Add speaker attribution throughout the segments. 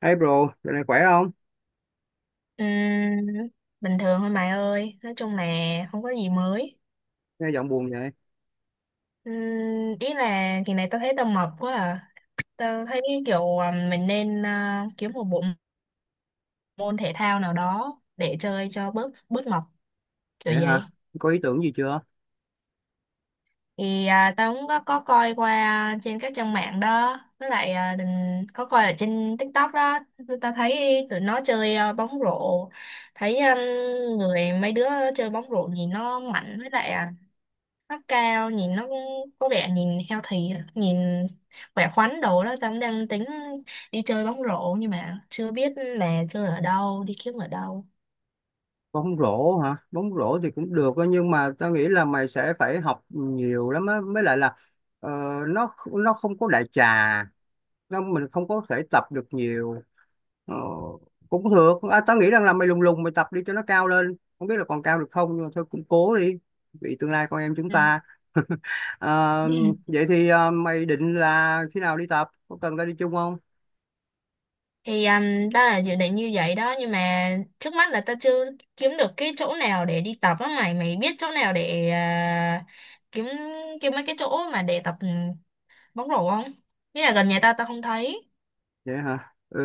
Speaker 1: Hey bro, giờ này khỏe không?
Speaker 2: Ừm, Bình thường thôi mày ơi, nói chung là không có gì mới.
Speaker 1: Nghe giọng buồn vậy.
Speaker 2: Ừm, Ý là kỳ này tao thấy tao mập quá à, tao thấy kiểu à, mình nên à, kiếm một bộ môn thể thao nào đó để chơi cho bớt bớt mập kiểu
Speaker 1: Vậy hả?
Speaker 2: vậy.
Speaker 1: Có ý tưởng gì chưa?
Speaker 2: Thì à, tao cũng có coi qua trên các trang mạng đó, với lại à, có coi ở trên TikTok đó. Tụi tao thấy tụi nó chơi à, bóng rổ. Thấy người mấy đứa chơi bóng rổ nhìn nó mạnh, với lại à, nó cao, nhìn nó cũng có vẻ nhìn healthy à, nhìn khỏe khoắn đồ đó. Tao cũng đang tính đi chơi bóng rổ nhưng mà chưa biết là chơi ở đâu, đi kiếm ở đâu.
Speaker 1: Bóng rổ hả? Bóng rổ thì cũng được á, nhưng mà tao nghĩ là mày sẽ phải học nhiều lắm á. Mới lại là ờ, nó không có đại trà, nó mình không có thể tập được nhiều. Ờ, cũng được. À, tao nghĩ rằng là mày lùng lùng mày tập đi cho nó cao lên. Không biết là còn cao được không nhưng mà thôi cũng cố đi. Vì tương lai con em chúng
Speaker 2: Ừ.
Speaker 1: ta. Ờ, vậy thì mày định là khi nào đi tập? Có cần tao đi chung không?
Speaker 2: Thì tao là dự định như vậy đó, nhưng mà trước mắt là tao chưa kiếm được cái chỗ nào để đi tập á. Mày mày biết chỗ nào để à, kiếm kiếm mấy cái chỗ mà để tập, bóng rổ không? Nghĩa là gần nhà tao tao không thấy.
Speaker 1: Vậy hả? Ừ,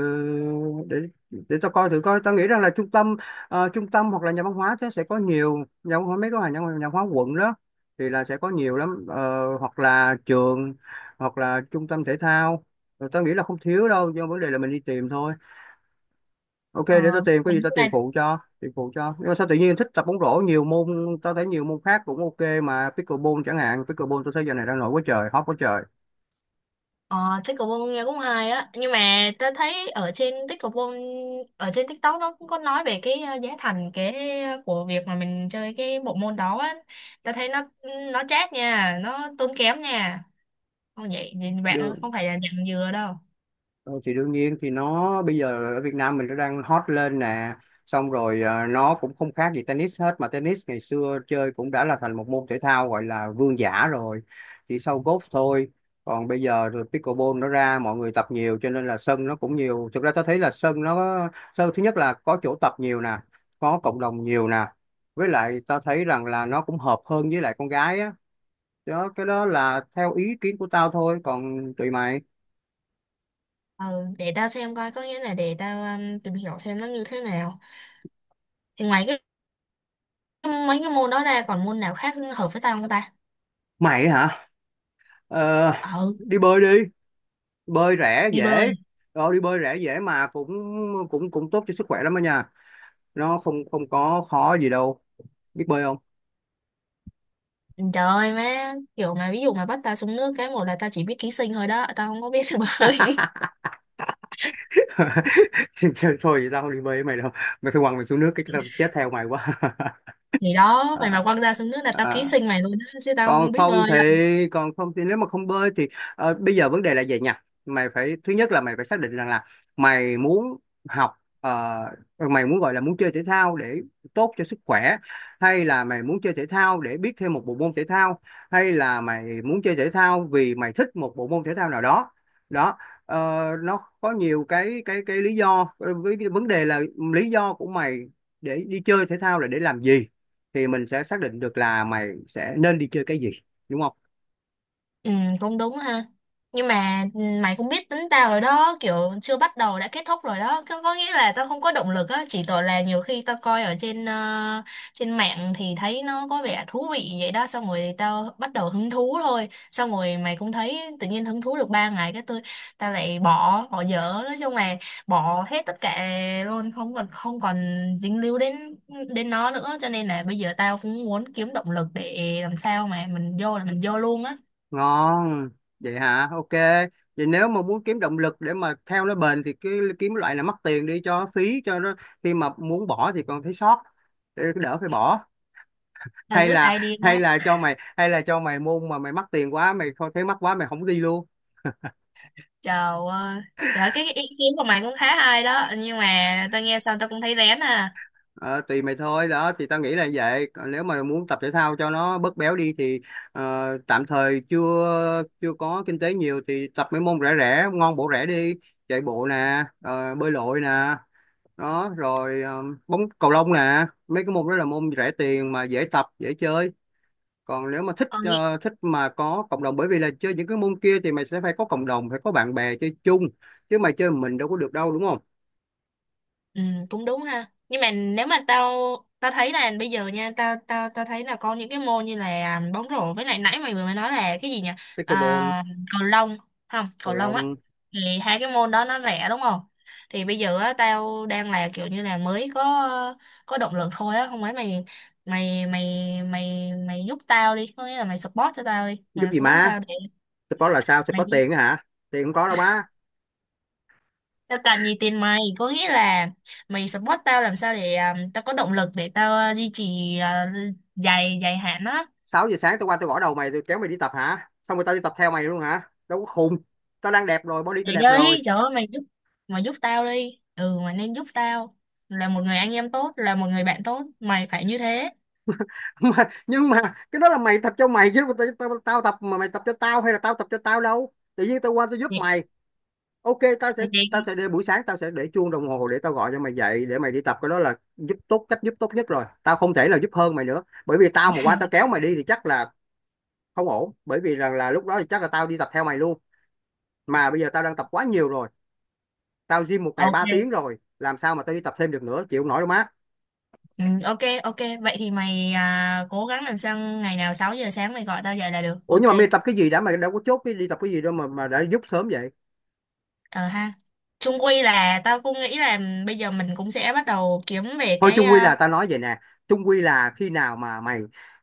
Speaker 1: để để tao coi thử coi. Tao nghĩ rằng là trung tâm trung tâm hoặc là nhà văn hóa sẽ có nhiều nhà văn hóa mấy cái nhà, nhà văn hóa quận đó thì là sẽ có nhiều lắm. Ờ, hoặc là trường hoặc là trung tâm thể thao. Rồi tao nghĩ là không thiếu đâu, do vấn đề là mình đi tìm thôi. Ok, để tao
Speaker 2: Ờ.
Speaker 1: tìm có gì tao tìm phụ cho, tìm phụ cho. Nhưng mà sao tự nhiên thích tập bóng rổ nhiều môn, tao thấy nhiều môn khác cũng ok mà pickleball chẳng hạn, pickleball tao thấy giờ này đang nổi quá trời, hot quá trời.
Speaker 2: Ờ, pickleball nghe cũng hay á, nhưng mà ta thấy ở trên pickleball, ở trên TikTok nó cũng có nói về cái giá thành, cái của việc mà mình chơi cái bộ môn đó á. Ta thấy nó chát nha, nó tốn kém nha, không vậy thì bạn
Speaker 1: Được.
Speaker 2: không phải là nhận dừa đâu.
Speaker 1: Ờ, thì đương nhiên thì nó bây giờ ở Việt Nam mình nó đang hot lên nè, xong rồi nó cũng không khác gì tennis hết, mà tennis ngày xưa chơi cũng đã là thành một môn thể thao gọi là vương giả rồi, chỉ sau golf thôi. Còn bây giờ rồi pickleball nó ra mọi người tập nhiều cho nên là sân nó cũng nhiều, thực ra tôi thấy là sân thứ nhất là có chỗ tập nhiều nè, có cộng đồng nhiều nè, với lại tao thấy rằng là nó cũng hợp hơn với lại con gái á. Đó, cái đó là theo ý kiến của tao thôi, còn tùy mày.
Speaker 2: Ừ, để tao xem coi, có nghĩa là để tao tìm hiểu thêm nó như thế nào. Thì ngoài cái mấy cái môn đó ra còn môn nào khác hợp với tao không ta?
Speaker 1: Mày hả? Ờ,
Speaker 2: Ừ,
Speaker 1: đi bơi đi, bơi rẻ
Speaker 2: đi bơi.
Speaker 1: dễ. Đó đi bơi rẻ dễ mà cũng cũng cũng tốt cho sức khỏe lắm đó nha, nó không không có khó gì đâu. Biết bơi không?
Speaker 2: Trời ơi má, kiểu mà ví dụ mà bắt ta xuống nước cái một là ta chỉ biết ký sinh thôi đó, tao không có biết bơi.
Speaker 1: Trời, trời, thôi tao không đi bơi với mày đâu, mày phải quăng mày xuống nước cái tao chết theo mày quá.
Speaker 2: Thì đó,
Speaker 1: à,
Speaker 2: mày mà quăng ra xuống nước là tao
Speaker 1: à,
Speaker 2: ký sinh mày luôn đó, chứ tao không
Speaker 1: còn
Speaker 2: biết
Speaker 1: không
Speaker 2: bơi.
Speaker 1: thì nếu mà không bơi thì bây giờ vấn đề là vậy nha, mày phải thứ nhất là mày phải xác định rằng là mày muốn học ờ, mày muốn gọi là muốn chơi thể thao để tốt cho sức khỏe, hay là mày muốn chơi thể thao để biết thêm một bộ môn thể thao, hay là mày muốn chơi thể thao vì mày thích một bộ môn thể thao nào đó. Đó, ờ, nó có nhiều cái lý do. Ờ, với cái vấn đề là lý do của mày để đi chơi thể thao là để làm gì thì mình sẽ xác định được là mày sẽ nên đi chơi cái gì, đúng không?
Speaker 2: Ừ, cũng đúng ha. Nhưng mà mày cũng biết tính tao rồi đó, kiểu chưa bắt đầu đã kết thúc rồi đó. Có nghĩa là tao không có động lực á, chỉ tội là nhiều khi tao coi ở trên trên mạng thì thấy nó có vẻ thú vị vậy đó, xong rồi tao bắt đầu hứng thú thôi. Xong rồi mày cũng thấy tự nhiên hứng thú được 3 ngày, cái tao lại bỏ dở, nói chung là bỏ hết tất cả luôn, không còn không còn dính líu đến đến nó nữa, cho nên là bây giờ tao cũng muốn kiếm động lực để làm sao mà mình vô là mình vô luôn á.
Speaker 1: Ngon, vậy hả, ok. Vậy nếu mà muốn kiếm động lực để mà theo nó bền thì cái kiếm loại là mắc tiền đi cho phí cho nó, khi mà muốn bỏ thì còn thấy sót, để đỡ phải bỏ.
Speaker 2: The
Speaker 1: Hay
Speaker 2: Good
Speaker 1: là
Speaker 2: Idea đó.
Speaker 1: hay là cho mày môn mà mày mắc tiền quá mày không thấy mắc quá mày không đi luôn.
Speaker 2: Trời ơi, trời ơi, cái ý kiến của mày cũng khá hay đó, nhưng mà tao nghe xong tao cũng thấy rén à.
Speaker 1: Ờ, tùy mày thôi đó, thì tao nghĩ là vậy. Còn nếu mà muốn tập thể thao cho nó bớt béo đi thì ờ, tạm thời chưa chưa có kinh tế nhiều thì tập mấy môn rẻ rẻ ngon bổ rẻ đi. Chạy bộ nè, bơi lội nè, đó rồi bóng cầu lông nè, mấy cái môn đó là môn rẻ tiền mà dễ tập dễ chơi. Còn nếu mà thích
Speaker 2: Còn.
Speaker 1: thích mà có cộng đồng, bởi vì là chơi những cái môn kia thì mày sẽ phải có cộng đồng, phải có bạn bè chơi chung, chứ mày chơi mình đâu có được đâu, đúng không?
Speaker 2: Ừ, cũng đúng ha. Nhưng mà nếu mà tao tao thấy là bây giờ nha, tao tao tao thấy là có những cái môn như là bóng rổ, với lại nãy mày vừa mới nói là cái gì nhỉ?
Speaker 1: Pickleball.
Speaker 2: À, cầu lông không?
Speaker 1: Cầu
Speaker 2: Cầu lông á.
Speaker 1: lông.
Speaker 2: Thì hai cái môn đó nó rẻ đúng không? Thì bây giờ á tao đang là kiểu như là mới có động lực thôi á, không phải mày mày mày mày mày giúp tao đi, có nghĩa là mày support cho tao đi,
Speaker 1: Giúp
Speaker 2: mày
Speaker 1: gì
Speaker 2: support
Speaker 1: má.
Speaker 2: tao để
Speaker 1: Support là sao? Sẽ có
Speaker 2: mày.
Speaker 1: tiền á hả? Tiền không có đâu má.
Speaker 2: Tao cần gì tiền mày, có nghĩa là mày support tao làm sao để à, tao có động lực để tao à, duy trì à, dài dài hạn đó.
Speaker 1: Sáu giờ sáng tao qua tao gõ đầu mày tao kéo mày đi tập hả? Xong rồi tao đi tập theo mày luôn hả? Đâu có khùng. Tao đang đẹp rồi, body tao
Speaker 2: Mày
Speaker 1: đẹp rồi.
Speaker 2: đi, trời ơi mày giúp tao đi, ừ, mày nên giúp tao, là một người anh em tốt, là một người bạn tốt, mày phải như thế.
Speaker 1: Mà, nhưng mà cái đó là mày tập cho mày chứ tao, tao tập mà mày tập cho tao hay là tao tập cho tao đâu. Tự nhiên tao qua tao giúp
Speaker 2: Vậy-
Speaker 1: mày. Ok, tao sẽ
Speaker 2: vậy
Speaker 1: tao
Speaker 2: thì-
Speaker 1: sẽ để buổi sáng, tao sẽ để chuông đồng hồ để tao gọi cho mày dậy để mày đi tập, cái đó là giúp tốt cách giúp tốt nhất rồi. Tao không thể là giúp hơn mày nữa. Bởi vì tao mà qua tao kéo mày đi thì chắc là không ổn. Bởi vì rằng là lúc đó thì chắc là tao đi tập theo mày luôn. Mà bây giờ tao đang tập quá nhiều rồi, tao gym một ngày 3 tiếng
Speaker 2: ok
Speaker 1: rồi làm sao mà tao đi tập thêm được nữa, chịu không nổi đâu má.
Speaker 2: ừ, ok, ok, vậy thì mày à, cố gắng làm sao ngày nào 6 giờ sáng mày gọi tao dậy là được.
Speaker 1: Ủa
Speaker 2: OK,
Speaker 1: nhưng mà mày tập cái gì đã, mày đâu có chốt cái đi tập cái gì đâu mà đã giúp sớm vậy.
Speaker 2: ờ ha, chung quy là tao cũng nghĩ là bây giờ mình cũng sẽ bắt đầu kiếm về
Speaker 1: Thôi
Speaker 2: cái
Speaker 1: chung quy
Speaker 2: à,
Speaker 1: là tao nói vậy nè, chung quy là khi nào mà mày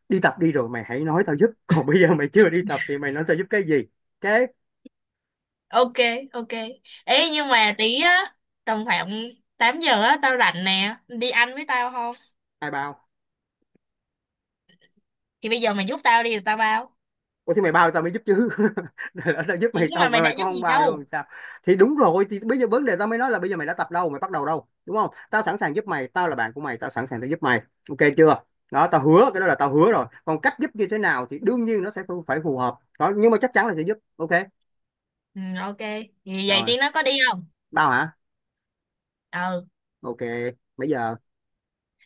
Speaker 1: đi tập đi rồi mày hãy nói tao giúp, còn bây giờ mày chưa đi tập thì mày nói tao giúp cái gì kế.
Speaker 2: ok, ok, ấy nhưng mà tí á, tầm khoảng 8 giờ á tao rảnh nè, đi ăn với tao không?
Speaker 1: Ai bao?
Speaker 2: Thì bây giờ mày giúp tao đi rồi tao bao.
Speaker 1: Ủa thì mày bao tao mới giúp chứ. Để lỡ tao giúp
Speaker 2: Thì
Speaker 1: mày
Speaker 2: nhưng mà
Speaker 1: xong
Speaker 2: mày
Speaker 1: rồi
Speaker 2: đã
Speaker 1: mày cũng
Speaker 2: giúp
Speaker 1: không
Speaker 2: gì
Speaker 1: bao luôn
Speaker 2: đâu?
Speaker 1: sao? Thì đúng rồi, thì bây giờ vấn đề tao mới nói là bây giờ mày đã tập đâu, mày bắt đầu đâu, đúng không? Tao sẵn sàng giúp mày, tao là bạn của mày, tao sẵn sàng tao giúp mày. Ok chưa? Đó, tao hứa, cái đó là tao hứa rồi. Còn cách giúp như thế nào thì đương nhiên nó sẽ phải phải phù hợp đó. Nhưng mà chắc chắn là sẽ giúp. Ok
Speaker 2: Ừ, ok, thì vậy
Speaker 1: rồi,
Speaker 2: tí nó có đi không?
Speaker 1: bao hả?
Speaker 2: Ừ.
Speaker 1: Ok, bây giờ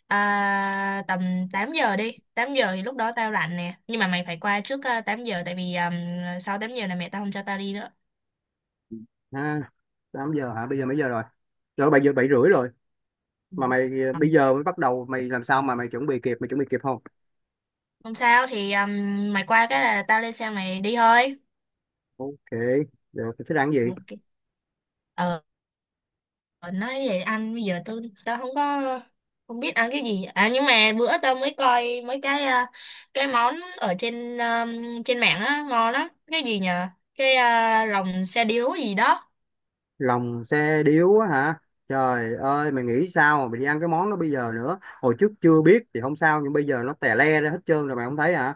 Speaker 2: À, tầm 8 giờ đi. 8 giờ thì lúc đó tao rảnh nè, nhưng mà mày phải qua trước 8 giờ, tại vì sau 8 giờ là mẹ tao không cho tao đi nữa.
Speaker 1: ha. 8 giờ hả, bây giờ mấy giờ rồi? Rồi bây giờ 7 rưỡi rồi.
Speaker 2: Ừ.
Speaker 1: Mà mày
Speaker 2: Ừ.
Speaker 1: bây giờ mới bắt đầu, mày làm sao mà mày chuẩn bị kịp? Mày chuẩn bị kịp không?
Speaker 2: Không sao, thì mày qua cái là tao lên xe mày đi thôi.
Speaker 1: Ok, được thế đang gì.
Speaker 2: OK. Ờ. Ờ, nói vậy anh, bây giờ tao không có, không biết ăn cái gì à, nhưng mà bữa tao mới coi mấy cái cái món ở trên trên mạng á ngon lắm, cái gì nhờ, cái lòng xe điếu gì đó.
Speaker 1: Lòng xe điếu á hả, trời ơi mày nghĩ sao mà mày đi ăn cái món đó bây giờ nữa, hồi trước chưa biết thì không sao nhưng bây giờ nó tè le ra hết trơn rồi mày không thấy hả?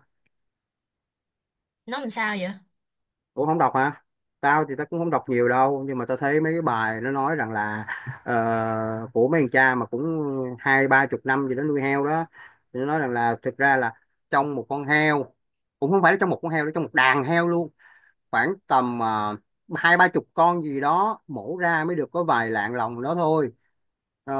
Speaker 2: Nó làm sao vậy?
Speaker 1: Ủa không đọc hả? Tao thì tao cũng không đọc nhiều đâu nhưng mà tao thấy mấy cái bài nó nói rằng là của mấy thằng cha mà cũng hai ba chục năm gì đó nuôi heo đó, thì nó nói rằng là thực ra là trong một con heo, cũng không phải là trong một con heo, nó trong một đàn heo luôn, khoảng tầm hai ba chục con gì đó mổ ra mới được có vài lạng lòng đó thôi. Ờ,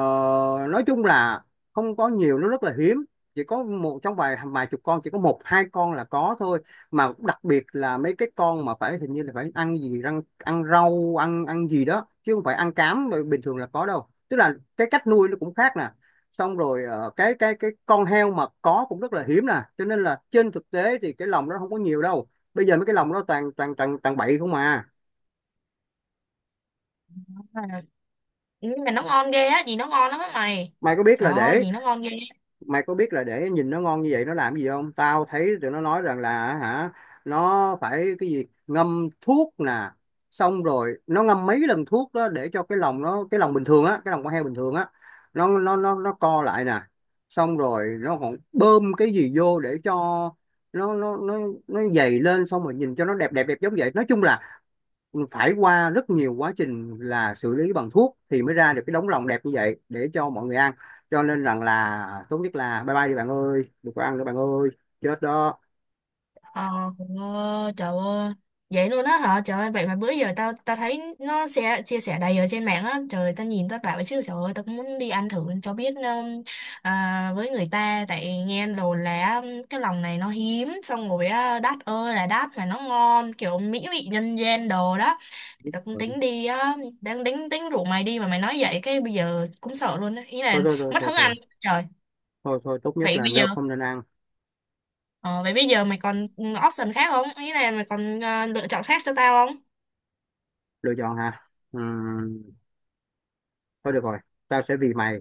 Speaker 1: nói chung là không có nhiều, nó rất là hiếm, chỉ có một trong vài vài chục con chỉ có một hai con là có thôi. Mà đặc biệt là mấy cái con mà phải hình như là phải ăn ăn rau ăn ăn gì đó chứ không phải ăn cám mà bình thường là có đâu, tức là cái cách nuôi nó cũng khác nè, xong rồi cái con heo mà có cũng rất là hiếm nè, cho nên là trên thực tế thì cái lòng nó không có nhiều đâu. Bây giờ mấy cái lòng đó toàn toàn toàn toàn bậy không à.
Speaker 2: À. Nhưng mà nó ngon ghê á, gì nó ngon lắm á mày,
Speaker 1: Mày có biết
Speaker 2: trời
Speaker 1: là
Speaker 2: ơi gì nó ngon ghê.
Speaker 1: để nhìn nó ngon như vậy nó làm gì không, tao thấy tụi nó nói rằng là hả, nó phải cái gì ngâm thuốc nè, xong rồi nó ngâm mấy lần thuốc đó để cho cái lòng bình thường á, cái lòng con heo bình thường á, nó co lại nè, xong rồi nó còn bơm cái gì vô để cho nó nó dày lên xong rồi nhìn cho nó đẹp đẹp đẹp giống vậy. Nói chung là phải qua rất nhiều quá trình là xử lý bằng thuốc thì mới ra được cái đống lòng đẹp như vậy để cho mọi người ăn. Cho nên rằng là tốt nhất là bye bye đi bạn ơi, đừng có ăn nữa bạn ơi, chết đó.
Speaker 2: Ờ, trời ơi vậy luôn á hả, trời ơi vậy mà bữa giờ tao tao thấy nó sẽ chia sẻ đầy ở trên mạng á, trời tao nhìn tao bảo chứ trời ơi, tao cũng muốn đi ăn thử cho biết, với người ta tại nghe đồ là cái lòng này nó hiếm, xong rồi á đắt ơi là đắt mà nó ngon kiểu mỹ vị nhân gian đồ đó. Thì tao cũng
Speaker 1: Thôi
Speaker 2: tính đi á, đang tính tính rủ mày đi mà mày nói vậy cái bây giờ cũng sợ luôn á, ý là
Speaker 1: thôi thôi thôi
Speaker 2: mất
Speaker 1: thôi
Speaker 2: hứng
Speaker 1: Thôi,
Speaker 2: ăn. Trời.
Speaker 1: tốt nhất
Speaker 2: vậy
Speaker 1: là
Speaker 2: bây giờ
Speaker 1: no, không nên ăn.
Speaker 2: Ờ, vậy bây giờ mày còn option khác không? Ý là mày còn lựa chọn khác cho tao không?
Speaker 1: Lựa chọn hả? Ừm, thôi được rồi, tao sẽ vì mày,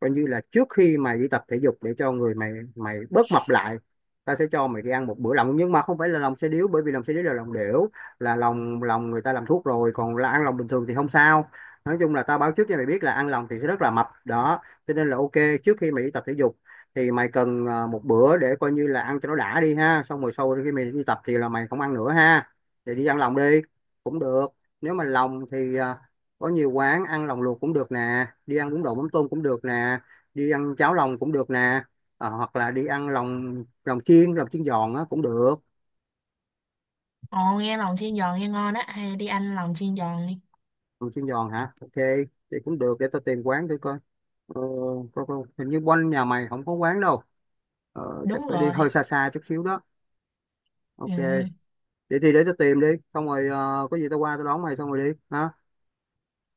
Speaker 1: coi như là trước khi mày đi tập thể dục để cho người mày mày bớt mập lại, ta sẽ cho mày đi ăn một bữa lòng, nhưng mà không phải là lòng xe điếu bởi vì lòng xe điếu là lòng đểu, là lòng lòng người ta làm thuốc rồi, còn là ăn lòng bình thường thì không sao. Nói chung là tao báo trước cho mày biết là ăn lòng thì sẽ rất là mập đó, cho nên là ok, trước khi mày đi tập thể dục thì mày cần một bữa để coi như là ăn cho nó đã đi ha, xong rồi sau khi mày đi tập thì là mày không ăn nữa ha, thì đi ăn lòng đi cũng được. Nếu mà lòng thì có nhiều quán ăn lòng luộc cũng được nè, đi ăn bún đậu mắm tôm cũng được nè, đi ăn cháo lòng cũng được nè. Ờ, hoặc là đi ăn lòng lòng chiên giòn á cũng được.
Speaker 2: Ồ, nghe lòng chiên giòn nghe ngon á. Hay đi ăn lòng chiên giòn đi.
Speaker 1: Lòng chiên giòn hả, ok, thì cũng được, để tao tìm quán thử coi. ờ, Coi, hình như quanh nhà mày không có quán đâu, chắc
Speaker 2: Đúng
Speaker 1: phải đi hơi
Speaker 2: rồi.
Speaker 1: xa xa chút xíu đó.
Speaker 2: Ừ.
Speaker 1: Ok, vậy thì để tao tìm đi, xong rồi có gì tao qua tao đón mày xong rồi đi hả?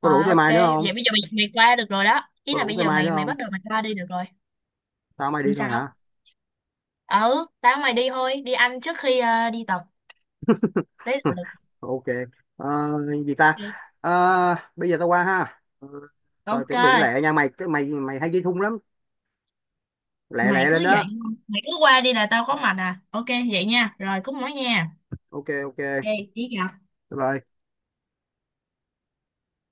Speaker 1: Có rủ
Speaker 2: Rồi,
Speaker 1: thêm
Speaker 2: ok.
Speaker 1: ai nữa không?
Speaker 2: Vậy bây giờ mày qua được rồi đó. Ý
Speaker 1: Có
Speaker 2: là
Speaker 1: rủ
Speaker 2: bây
Speaker 1: thêm
Speaker 2: giờ
Speaker 1: ai nữa
Speaker 2: mày mày
Speaker 1: không?
Speaker 2: bắt đầu mày qua đi được rồi.
Speaker 1: Tao mày đi
Speaker 2: Làm
Speaker 1: thôi
Speaker 2: sao?
Speaker 1: hả?
Speaker 2: Ừ, tao mày đi thôi. Đi ăn trước khi đi tập. Đấy là được.
Speaker 1: Ok. Ờ, gì ta?
Speaker 2: OK.
Speaker 1: Ờ, bây giờ tao qua ha. Ờ, tao
Speaker 2: OK.
Speaker 1: chuẩn bị lẹ nha mày, cái mày mày hay ghi thun lắm, lẹ
Speaker 2: Mày
Speaker 1: lẹ
Speaker 2: cứ
Speaker 1: lên đó.
Speaker 2: vậy. Mày cứ qua đi là tao có mặt à. OK, vậy nha. Rồi, cúp máy nha.
Speaker 1: Ok ok bye
Speaker 2: OK, ý gặp.
Speaker 1: bye.